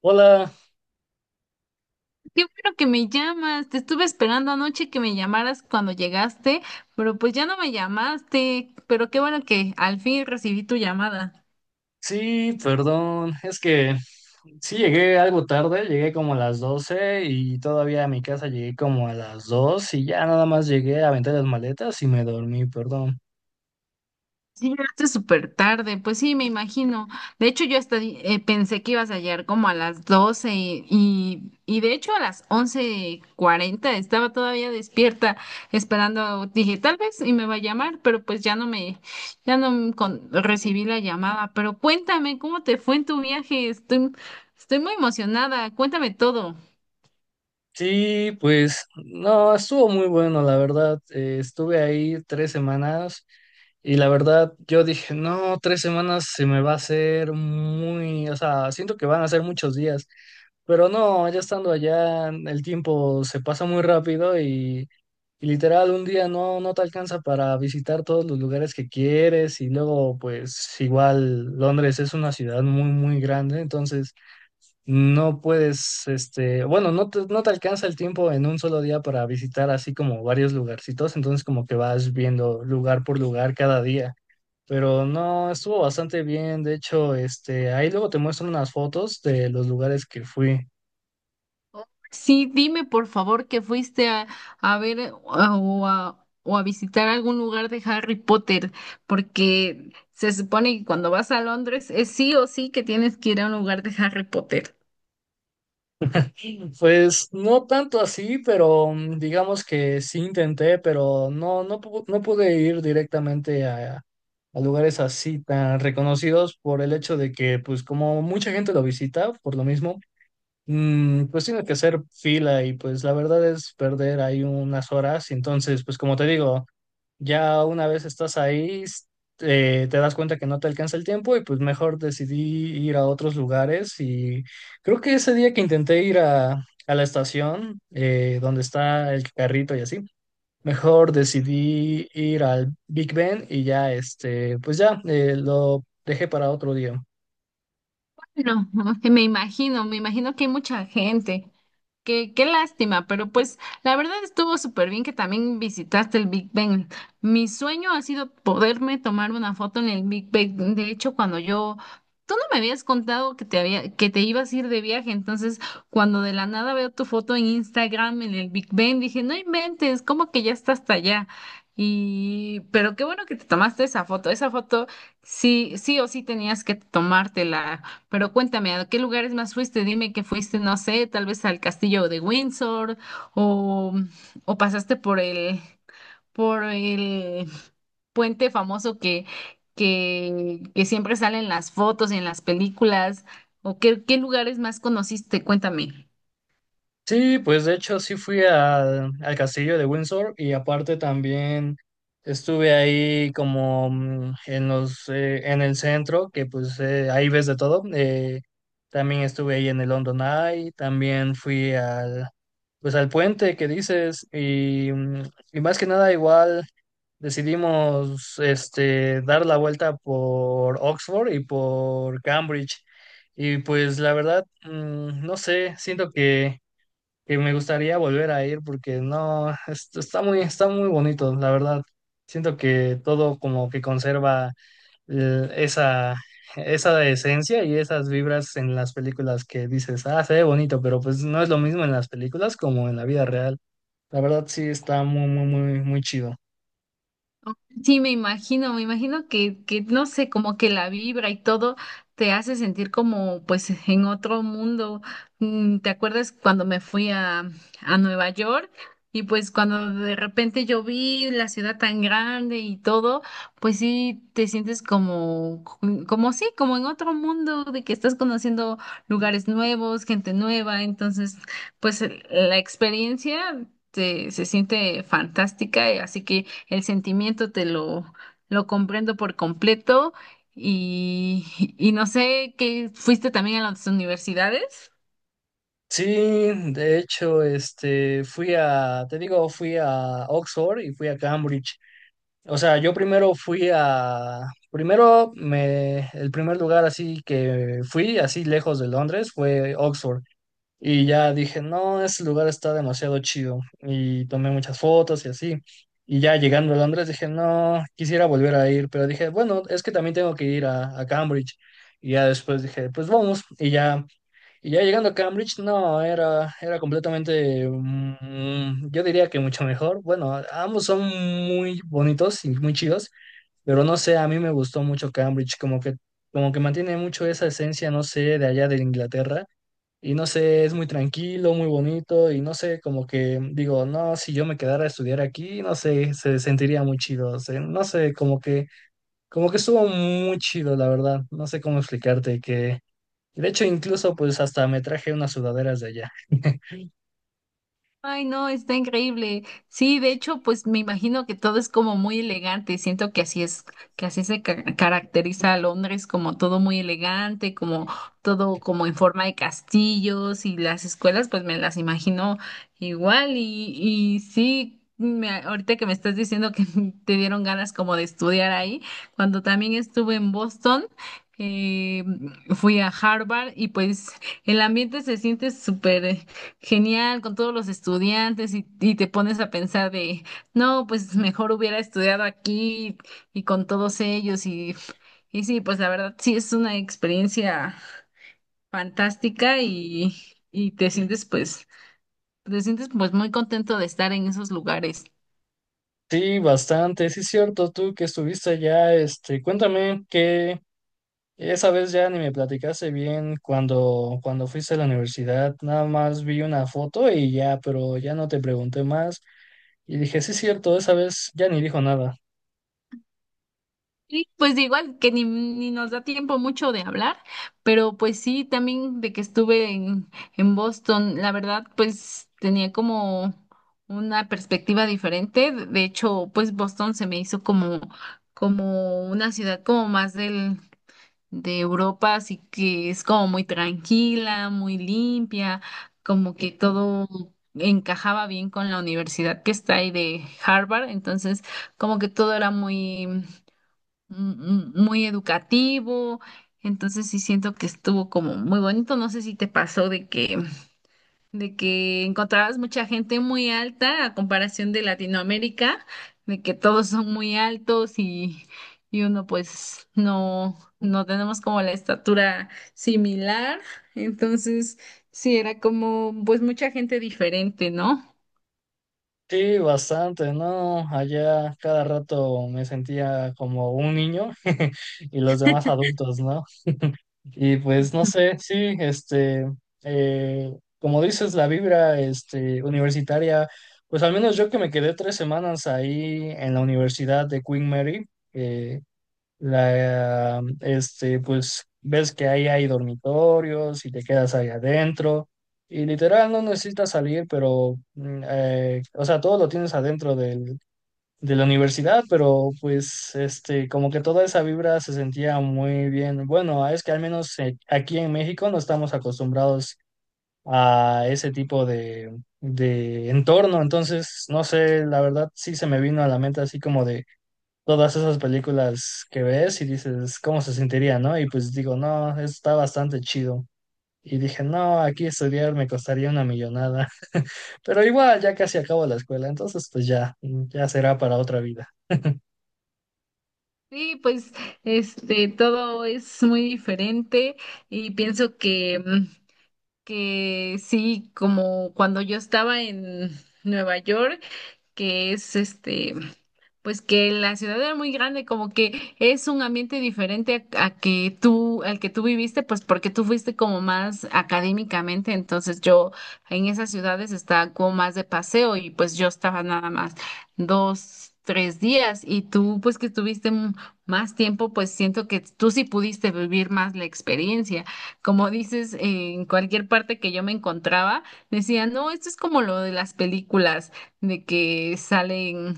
Hola, Qué bueno que me llamas. Te estuve esperando anoche que me llamaras cuando llegaste, pero pues ya no me llamaste. Pero qué bueno que al fin recibí tu llamada. sí, perdón, es que sí llegué algo tarde, llegué como a las 12 y todavía a mi casa llegué como a las 2 y ya nada más llegué a aventar las maletas y me dormí, perdón. Sí, llegaste súper tarde, pues sí, me imagino. De hecho, yo hasta pensé que ibas a llegar como a las 12 y de hecho a las once cuarenta estaba todavía despierta esperando. Dije, tal vez y me va a llamar, pero pues ya no me con- recibí la llamada. Pero cuéntame, ¿cómo te fue en tu viaje? Estoy muy emocionada. Cuéntame todo. Sí, pues no, estuvo muy bueno, la verdad, estuve ahí 3 semanas y la verdad yo dije, no, 3 semanas se me va a hacer muy, o sea, siento que van a ser muchos días. Pero no, ya estando allá, el tiempo se pasa muy rápido y literal un día no te alcanza para visitar todos los lugares que quieres y luego pues igual Londres es una ciudad muy muy grande, entonces no puedes, este, bueno, no te alcanza el tiempo en un solo día para visitar así como varios lugarcitos, entonces como que vas viendo lugar por lugar cada día. Pero no, estuvo bastante bien. De hecho, este, ahí luego te muestro unas fotos de los lugares que fui. Sí, dime por favor que fuiste a ver o a visitar algún lugar de Harry Potter, porque se supone que cuando vas a Londres es sí o sí que tienes que ir a un lugar de Harry Potter. Pues no tanto así, pero digamos que sí intenté, pero no, no pude ir directamente a lugares así tan reconocidos por el hecho de que, pues como mucha gente lo visita, por lo mismo, pues tiene que hacer fila y pues la verdad es perder ahí unas horas. Entonces, pues como te digo. Ya una vez estás ahí, te das cuenta que no te alcanza el tiempo y pues mejor decidí ir a otros lugares y creo que ese día que intenté ir a la estación donde está el carrito y así, mejor decidí ir al Big Ben y ya pues ya lo dejé para otro día. No, me imagino que hay mucha gente. Qué lástima, pero pues la verdad estuvo súper bien que también visitaste el Big Bang. Mi sueño ha sido poderme tomar una foto en el Big Bang. De hecho, tú no me habías contado que te ibas a ir de viaje, entonces cuando de la nada veo tu foto en Instagram en el Big Bang, dije, no inventes, ¿cómo que ya está hasta allá? Y, pero qué bueno que te tomaste esa foto. Esa foto sí, sí o sí tenías que tomártela. Pero cuéntame, ¿a qué lugares más fuiste? Dime que fuiste, no sé, tal vez al castillo de Windsor o, o pasaste por el puente famoso que siempre sale en las fotos y en las películas. ¿O qué lugares más conociste? Cuéntame. Sí, pues de hecho sí fui al castillo de Windsor y aparte también estuve ahí como en los en el centro, que pues ahí ves de todo. También estuve ahí en el London Eye, también fui al pues al puente que dices y más que nada igual decidimos dar la vuelta por Oxford y por Cambridge. Y pues la verdad, no sé, siento que me gustaría volver a ir porque no, está muy bonito, la verdad. Siento que todo como que conserva eh, esa, esa esencia y esas vibras en las películas que dices, ah, se ve bonito, pero pues no es lo mismo en las películas como en la vida real. La verdad sí está muy, muy, muy, muy chido. Sí, me imagino que, no sé, como que la vibra y todo te hace sentir como pues en otro mundo. Mm, ¿te acuerdas cuando me a Nueva York? Y pues cuando de repente yo vi la ciudad tan grande y todo, pues sí te sientes como, mm, como sí, como en otro mundo, de que estás conociendo lugares nuevos, gente nueva. Entonces, pues la experiencia te- se siente fantástica, así que el lo comprendo por completo y, y no sé, ¿qué fuiste también a las universidades? Sí, de hecho, fui a, te digo, fui a Oxford y fui a Cambridge. O sea, yo primero fui a, primero me, el primer lugar así que fui, así lejos de Londres, fue Oxford. Y ya dije, no, ese lugar está demasiado chido. Y tomé muchas fotos y así. Y ya llegando a Londres dije, no, quisiera volver a ir, pero dije, bueno, es que también tengo que ir a Cambridge. Y ya después dije, pues vamos. Y ya llegando a Cambridge, no, era completamente, yo diría que mucho mejor. Bueno, ambos son muy bonitos y muy chidos, pero no sé, a mí me gustó mucho Cambridge, como que mantiene mucho esa esencia, no sé, de allá de Inglaterra. Y no sé, es muy tranquilo, muy bonito, y no sé, como que digo, no, si yo me quedara a estudiar aquí, no sé, se sentiría muy chido. O sea, no sé, como que estuvo muy chido, la verdad. No sé cómo explicarte. De hecho, incluso pues hasta me traje unas sudaderas de allá. Ay, no, está increíble. Sí, de hecho, pues me imagino que todo es como muy elegante. Siento que así es, que así se ca- caracteriza a Londres, como todo muy elegante, como todo como en forma de castillos y las escuelas, pues me las imagino igual. Y sí, me, ahorita que me estás diciendo que te dieron ganas como de estudiar ahí, cuando también estuve en Boston. Eh, fui a Harvard y pues el ambiente se siente súper genial, con todos los estudiantes y te pones a pensar de, no, pues mejor hubiera estudiado aquí y con todos ellos. Sí, pues la verdad sí es una experiencia fantástica y te te sientes pues muy contento de estar en esos lugares. Sí, bastante, sí es cierto, tú que estuviste allá, cuéntame que esa vez ya ni me platicaste bien cuando fuiste a la universidad, nada más vi una foto y ya, pero ya no te pregunté más. Y dije, sí es cierto, esa vez ya ni dijo nada. Sí, pues igual que ni nos da tiempo mucho de hablar, pero pues sí, también de que en Boston, la verdad, pues tenía como una perspectiva diferente. De hecho, pues Boston se me como una ciudad como más de Europa, así que es como muy tranquila, muy limpia, como que todo encajaba bien con la universidad que está ahí de Harvard, entonces como que todo era muy muy educativo. Entonces sí siento que estuvo como muy bonito. No sé si te de que encontrabas mucha gente muy alta a comparación de Latinoamérica, de que todos son muy y uno pues no, no tenemos como la estatura similar. Entonces sí era como pues mucha gente diferente, ¿no? Sí, bastante, ¿no? Allá cada rato me sentía como un niño y los demás adultos, no. Y pues no sé, sí, como dices, la vibra, universitaria, pues al menos yo que me quedé 3 semanas ahí en la Universidad de Queen Mary, Pues ves que ahí hay dormitorios y te quedas ahí adentro y literal no necesitas salir, pero, o sea, todo lo tienes adentro de la universidad, pero pues como que toda esa vibra se sentía muy bien. Bueno, es que al menos aquí en México no estamos acostumbrados a ese tipo de entorno, entonces, no sé, la verdad sí se me vino a la mente así como de todas esas películas que ves y dices, ¿cómo se sentiría, no? Y pues digo, no, está bastante chido. Y dije, no, aquí estudiar me costaría una millonada. Pero igual, ya casi acabo la escuela, entonces pues ya, será para otra vida. Sí, pues este todo es muy diferente y pienso que mm, que sí, como cuando yo estaba en Nueva York que es este, pues que la ciudad era muy grande, como que es un ambiente diferente a que tú, al que tú viviste, pues porque tú fuiste como más académicamente, entonces yo en esas ciudades estaba como más de paseo y pues yo estaba nada más dos, tres días y tú pues que estuviste m- más tiempo, pues siento que tú sí pudiste vivir más la experiencia. Como dices, en cualquier parte que yo me encontraba, decían, no, esto es como lo de las películas de que salen,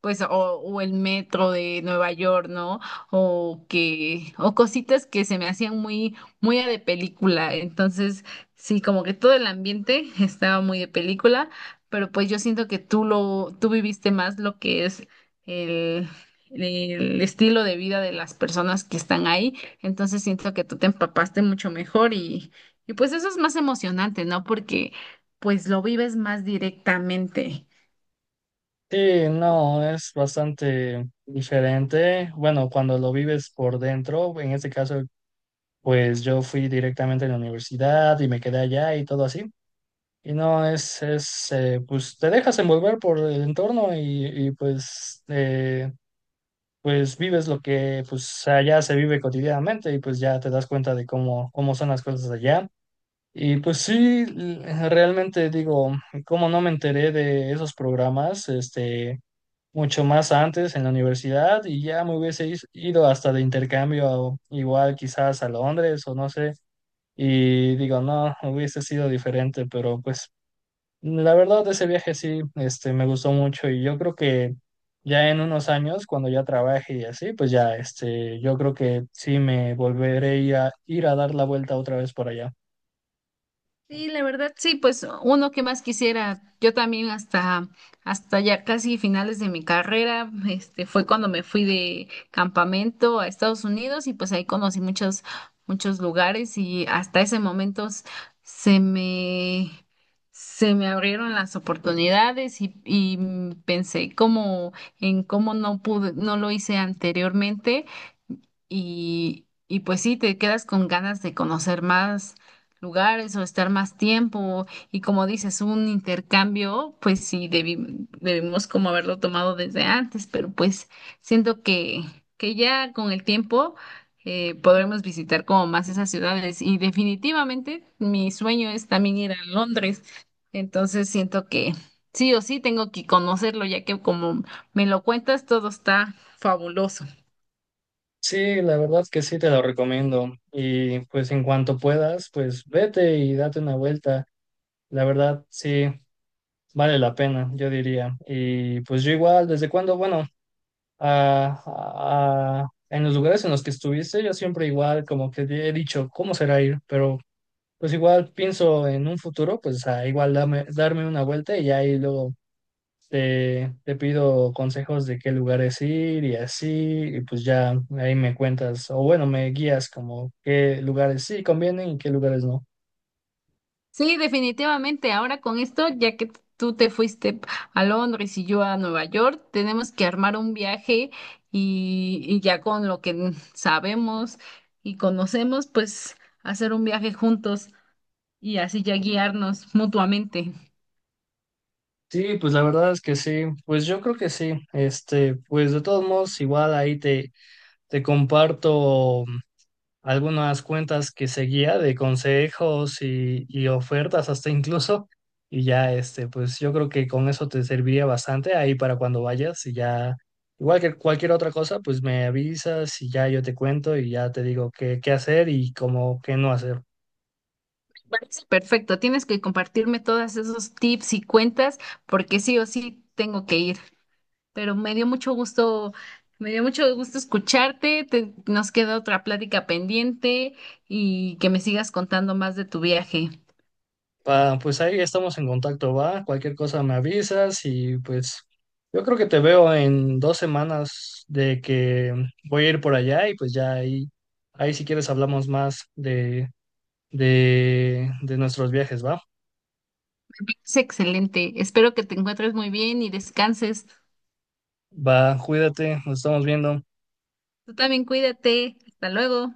pues, o el metro de Nueva York, ¿no? O que, o cositas que se me hacían muy de película. Entonces, sí, como que todo el ambiente estaba muy de película, pero pues yo siento que tú tú viviste más lo que es el el estilo de vida de las personas que están ahí, entonces siento que tú te empapaste mucho mejor y pues eso es más emocionante, ¿no? Porque pues lo vives más directamente. Sí, no, es bastante diferente. Bueno, cuando lo vives por dentro, en este caso, pues yo fui directamente a la universidad y me quedé allá y todo así. Y no, pues te dejas envolver por el entorno y, pues, pues vives lo que pues allá se vive cotidianamente y pues ya te das cuenta de cómo son las cosas allá. Y pues sí, realmente digo, cómo no me enteré de esos programas, mucho más antes en la universidad y ya me hubiese ido hasta de intercambio, igual quizás a Londres o no sé, y digo, no, hubiese sido diferente, pero pues la verdad ese viaje sí, me gustó mucho y yo creo que ya en unos años, cuando ya trabaje y así, pues ya, yo creo que sí me volveré a ir a dar la vuelta otra vez por allá. Sí, la verdad, sí, pues uno que más quisiera, yo también hasta ya casi finales de mi carrera, este, fue cuando me fui de campamento a Estados Unidos y pues ahí conocí muchos lugares y hasta ese momento s- se me, se me abrieron las oportunidades y mm, pensé como en cómo no pude, no lo hice anteriormente y pues sí, te quedas con ganas de conocer más lugares o estar más tiempo y como dices, un intercambio, pues sí, debimos como haberlo tomado desde antes, pero pues siento que ya con el tiempo podremos visitar como más esas ciudades y definitivamente mi sueño es también ir a Londres, entonces siento que sí o sí tengo que conocerlo ya que como me lo cuentas, todo está fabuloso. Sí, la verdad que sí te lo recomiendo. Y pues en cuanto puedas, pues vete y date una vuelta. La verdad, sí, vale la pena, yo diría. Y pues yo igual, desde cuando, bueno, en los lugares en los que estuviste, yo siempre igual como que he dicho, ¿cómo será ir? Pero pues igual pienso en un futuro, pues igual darme una vuelta y ahí luego te pido consejos de qué lugares ir y así, y pues ya ahí me cuentas, o bueno, me guías como qué lugares sí convienen y qué lugares no. Sí, definitivamente. Ahora con esto, ya que tú te fuiste a Londres y yo a Nueva York, tenemos que armar un viaje y ya con lo que sabemos y conocemos, pues hacer un viaje juntos y así ya guiarnos mutuamente. Sí, pues la verdad es que sí, pues yo creo que sí, pues de todos modos igual ahí te comparto algunas cuentas que seguía de consejos y ofertas hasta incluso, y ya pues yo creo que con eso te serviría bastante ahí para cuando vayas y ya, igual que cualquier otra cosa, pues me avisas y ya yo te cuento y ya te digo qué hacer y cómo qué no hacer. Parece perfecto, tienes que compartirme todos esos tips y cuentas porque sí o sí tengo que ir. Pero me dio mucho gusto, me dio mucho gusto escucharte, te- nos queda otra plática pendiente y que me sigas contando más de tu viaje. Pa, pues ahí estamos en contacto, va. Cualquier cosa me avisas y pues yo creo que te veo en 2 semanas de que voy a ir por allá y pues ya ahí si quieres hablamos más de nuestros viajes, va. Es excelente, espero que te encuentres muy bien y descanses. Va, cuídate, nos estamos viendo. Tú también cuídate, hasta luego.